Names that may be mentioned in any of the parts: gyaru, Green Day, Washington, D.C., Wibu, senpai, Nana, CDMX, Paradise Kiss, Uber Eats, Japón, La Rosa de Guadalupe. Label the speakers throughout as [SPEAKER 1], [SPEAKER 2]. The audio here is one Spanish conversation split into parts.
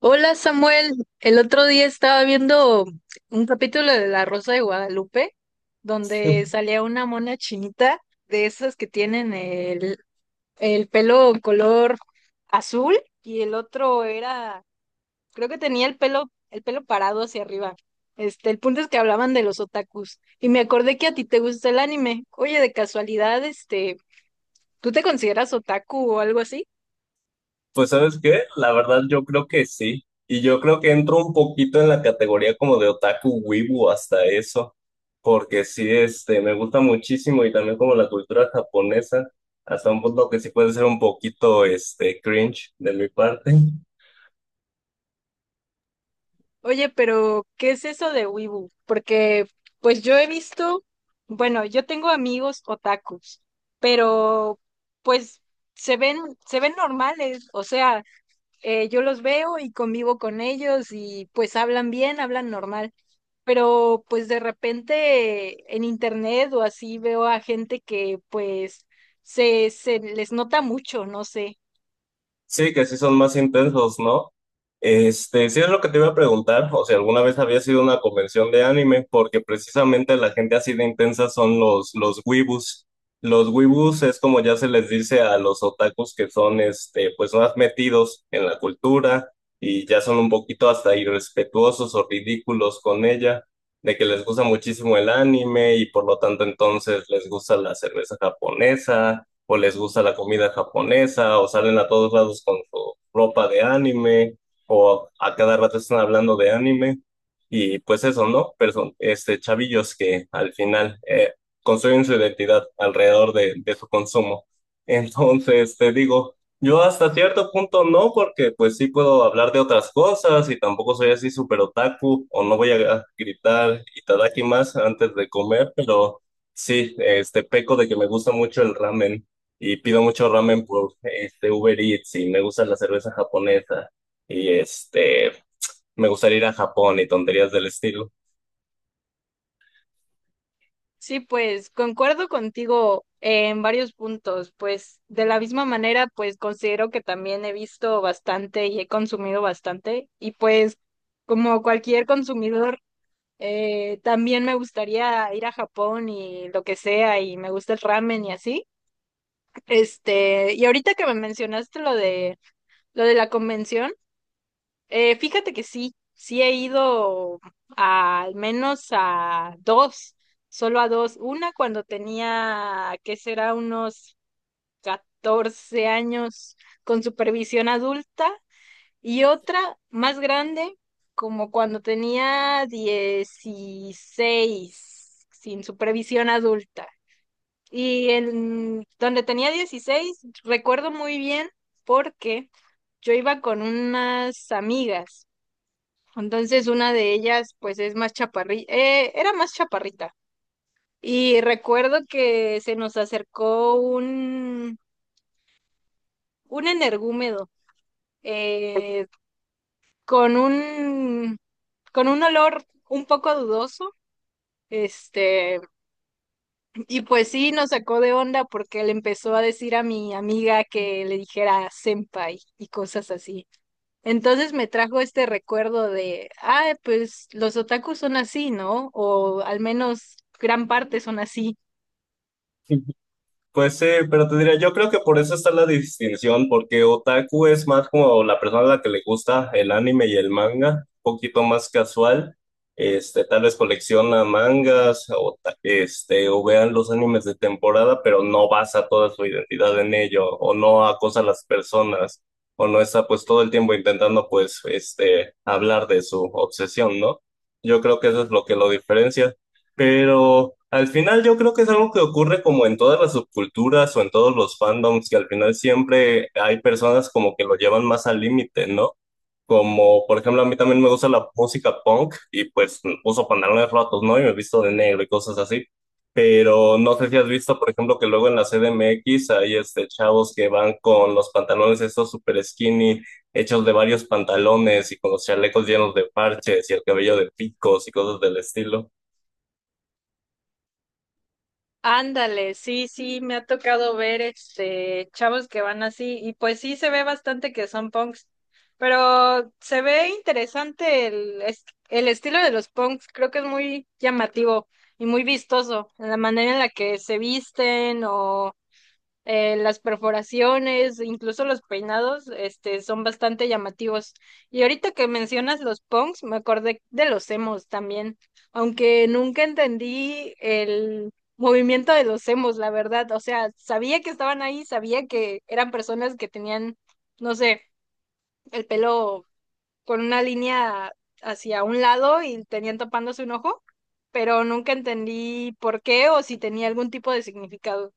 [SPEAKER 1] Hola Samuel, el otro día estaba viendo un capítulo de La Rosa de Guadalupe donde
[SPEAKER 2] Pues
[SPEAKER 1] salía una mona chinita de esas que tienen el pelo color azul y el otro era, creo que tenía el pelo parado hacia arriba. El punto es que hablaban de los otakus y me acordé que a ti te gusta el anime. Oye, de casualidad, ¿tú te consideras otaku o algo así?
[SPEAKER 2] ¿sabes qué? La verdad yo creo que sí. Y yo creo que entro un poquito en la categoría como de otaku wibu hasta eso, porque sí, me gusta muchísimo y también como la cultura japonesa, hasta un punto que sí puede ser un poquito, cringe de mi parte.
[SPEAKER 1] Oye, pero ¿qué es eso de Wibu? Porque pues yo he visto, bueno, yo tengo amigos otakus, pero pues se ven, se ven normales, o sea, yo los veo y convivo con ellos y pues hablan bien, hablan normal, pero pues de repente en internet o así veo a gente que pues se les nota mucho, no sé.
[SPEAKER 2] Sí, que sí son más intensos, ¿no? Este, sí es lo que te iba a preguntar, o si alguna vez había sido una convención de anime, porque precisamente la gente así de intensa son los weebus. Los weebus es como ya se les dice a los otakus que son, este, pues más metidos en la cultura y ya son un poquito hasta irrespetuosos o ridículos con ella, de que les gusta muchísimo el anime y por lo tanto entonces les gusta la cerveza japonesa o les gusta la comida japonesa, o salen a todos lados con su ropa de anime, o a cada rato están hablando de anime, y pues eso, ¿no? Pero son este, chavillos que al final construyen su identidad alrededor de su consumo. Entonces, te digo, yo hasta cierto punto no, porque pues sí puedo hablar de otras cosas y tampoco soy así súper otaku, o no voy a gritar itadaki más antes de comer, pero... Sí, este peco de que me gusta mucho el ramen y pido mucho ramen por este Uber Eats y me gusta la cerveza japonesa y me gustaría ir a Japón y tonterías del estilo.
[SPEAKER 1] Sí, pues concuerdo contigo en varios puntos, pues de la misma manera, pues considero que también he visto bastante y he consumido bastante y pues como cualquier consumidor, también me gustaría ir a Japón y lo que sea y me gusta el ramen y así. Y ahorita que me mencionaste lo de la convención, fíjate que sí, sí he ido al menos a dos, solo a dos. Una cuando tenía, ¿qué será? Unos 14 años con supervisión adulta y otra más grande, como cuando tenía 16 sin supervisión adulta. Y en donde tenía 16 recuerdo muy bien porque yo iba con unas amigas. Entonces una de ellas pues es más chaparrita, era más chaparrita. Y recuerdo que se nos acercó un energúmedo eh, con con un olor un poco dudoso. Este, y pues sí, nos sacó de onda porque le empezó a decir a mi amiga que le dijera senpai y cosas así. Entonces me trajo este recuerdo de, ah, pues los otakus son así, ¿no? O al menos gran parte son así.
[SPEAKER 2] Pues sí, pero te diría, yo creo que por eso está la distinción, porque otaku es más como la persona a la que le gusta el anime y el manga, un poquito más casual, este, tal vez colecciona mangas o, este, o vean los animes de temporada, pero no basa toda su identidad en ello, o no acosa a las personas, o no está pues todo el tiempo intentando pues este, hablar de su obsesión, ¿no? Yo creo que eso es lo que lo diferencia. Pero al final yo creo que es algo que ocurre como en todas las subculturas o en todos los fandoms, que al final siempre hay personas como que lo llevan más al límite, ¿no? Como, por ejemplo, a mí también me gusta la música punk y pues uso pantalones rotos, ¿no? Y me visto de negro y cosas así. Pero no sé si has visto, por ejemplo, que luego en la CDMX hay este chavos que van con los pantalones estos super skinny, hechos de varios pantalones y con los chalecos llenos de parches y el cabello de picos y cosas del estilo.
[SPEAKER 1] Ándale, sí, sí, me ha tocado ver este chavos que van así y pues sí se ve bastante que son punks, pero se ve interesante el estilo de los punks, creo que es muy llamativo y muy vistoso, la manera en la que se visten las perforaciones, incluso los peinados, son bastante llamativos. Y ahorita que mencionas los punks, me acordé de los emos también, aunque nunca entendí el movimiento de los emos, la verdad. O sea, sabía que estaban ahí, sabía que eran personas que tenían, no sé, el pelo con una línea hacia un lado y tenían tapándose un ojo, pero nunca entendí por qué o si tenía algún tipo de significado.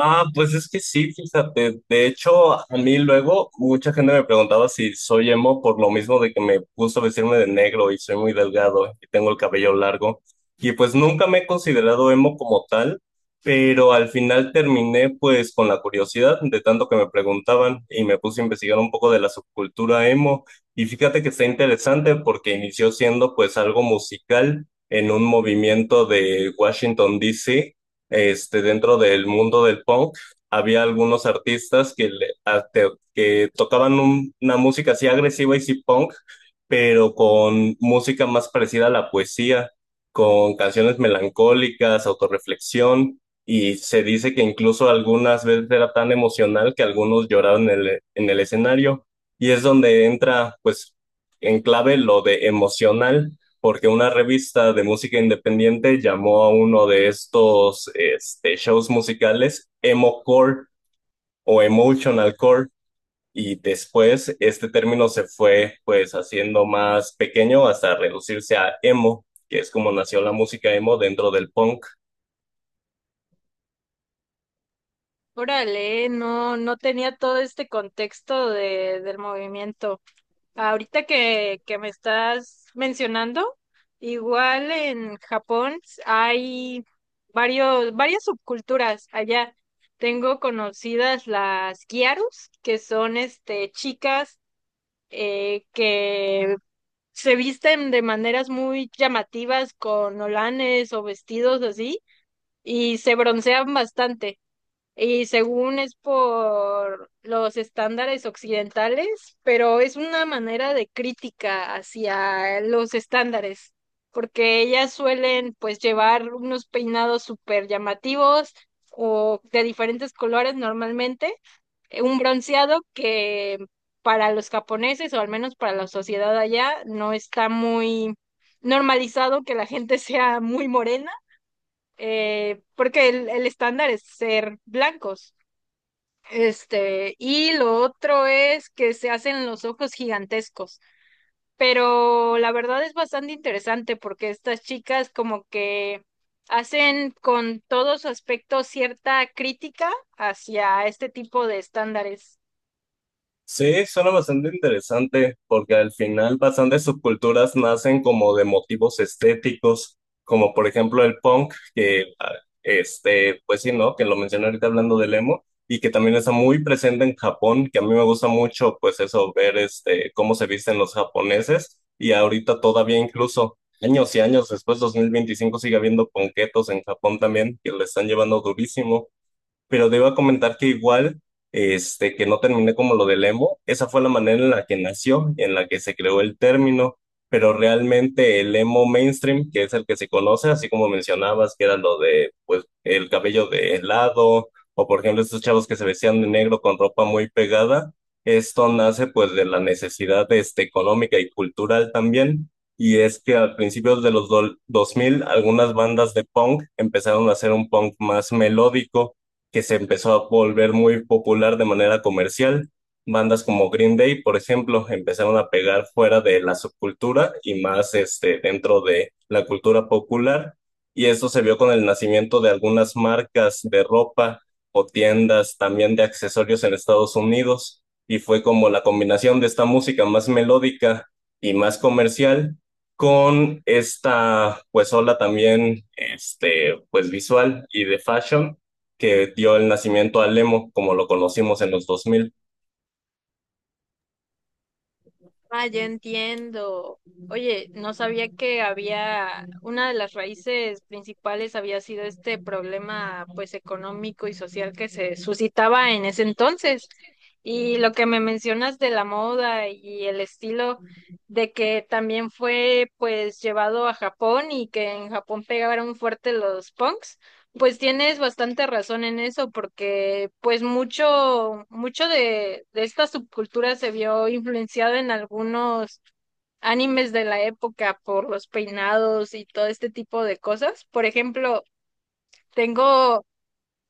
[SPEAKER 2] Ah, pues es que sí, fíjate. De hecho, a mí luego mucha gente me preguntaba si soy emo por lo mismo de que me gusta vestirme de negro y soy muy delgado y tengo el cabello largo. Y pues nunca me he considerado emo como tal, pero al final terminé pues con la curiosidad de tanto que me preguntaban y me puse a investigar un poco de la subcultura emo. Y fíjate que está interesante porque inició siendo pues algo musical en un movimiento de Washington, D. C, este, dentro del mundo del punk, había algunos artistas que, que tocaban una música así agresiva y sí punk, pero con música más parecida a la poesía, con canciones melancólicas, autorreflexión, y se dice que incluso algunas veces era tan emocional que algunos lloraban en el escenario, y es donde entra, pues, en clave lo de emocional porque una revista de música independiente llamó a uno de estos este, shows musicales emo core o emotional core, y después este término se fue pues haciendo más pequeño hasta reducirse a emo, que es como nació la música emo dentro del punk.
[SPEAKER 1] Órale, no, no tenía todo este contexto de, del movimiento. Ahorita que me estás mencionando, igual en Japón hay varias subculturas allá. Tengo conocidas las gyarus, que son este chicas que se visten de maneras muy llamativas con olanes o vestidos así, y se broncean bastante y según es por los estándares occidentales, pero es una manera de crítica hacia los estándares, porque ellas suelen pues llevar unos peinados súper llamativos o de diferentes colores normalmente, un bronceado que para los japoneses o al menos para la sociedad allá no está muy normalizado que la gente sea muy morena, porque el estándar es ser blancos. Y lo otro es que se hacen los ojos gigantescos, pero la verdad es bastante interesante porque estas chicas como que hacen con todo su aspecto cierta crítica hacia este tipo de estándares.
[SPEAKER 2] Sí, suena bastante interesante porque al final bastantes subculturas nacen como de motivos estéticos, como por ejemplo el punk, que ah, este, pues sí, ¿no? Que lo mencioné ahorita hablando del emo y que también está muy presente en Japón, que a mí me gusta mucho pues eso, ver este, cómo se visten los japoneses y ahorita todavía incluso años y años después, 2025, sigue habiendo punketos en Japón también que le están llevando durísimo. Pero te comentar que igual, este, que no terminé como lo del emo, esa fue la manera en la que nació, en la que se creó el término, pero realmente el emo mainstream, que es el que se conoce, así como mencionabas, que era lo de, pues, el cabello de lado, o por ejemplo estos chavos que se vestían de negro con ropa muy pegada, esto nace pues de la necesidad, este, económica y cultural también. Y es que al principio de los 2000 algunas bandas de punk empezaron a hacer un punk más melódico que se empezó a volver muy popular de manera comercial. Bandas como Green Day, por ejemplo, empezaron a pegar fuera de la subcultura y más este, dentro de la cultura popular. Y eso se vio con el nacimiento de algunas marcas de ropa o tiendas también de accesorios en Estados Unidos. Y fue como la combinación de esta música más melódica y más comercial con esta pues ola también este pues visual y de fashion que dio el nacimiento al emo, como lo conocimos en los dos mil.
[SPEAKER 1] Ah, ya entiendo. Oye, no sabía que había, una de las raíces principales había sido este problema, pues, económico y social que se suscitaba en ese entonces. Y lo que me mencionas de la moda y el estilo, de que también fue, pues, llevado a Japón y que en Japón pegaron fuerte los punks. Pues tienes bastante razón en eso, porque pues mucho de esta subcultura se vio influenciado en algunos animes de la época por los peinados y todo este tipo de cosas. Por ejemplo, tengo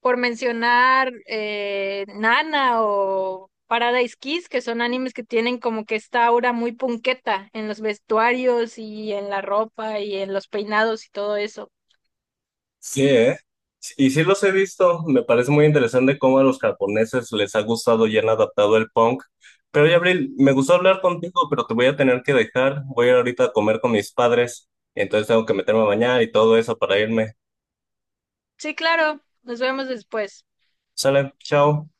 [SPEAKER 1] por mencionar Nana o Paradise Kiss, que son animes que tienen como que esta aura muy punqueta en los vestuarios y en la ropa y en los peinados y todo eso.
[SPEAKER 2] Sí, ¿eh? Y sí los he visto, me parece muy interesante cómo a los japoneses les ha gustado y han adaptado el punk. Pero ya, Abril, me gustó hablar contigo, pero te voy a tener que dejar. Voy a ir ahorita a comer con mis padres, entonces tengo que meterme a bañar y todo eso para irme.
[SPEAKER 1] Sí, claro, nos vemos después.
[SPEAKER 2] Sale, chao.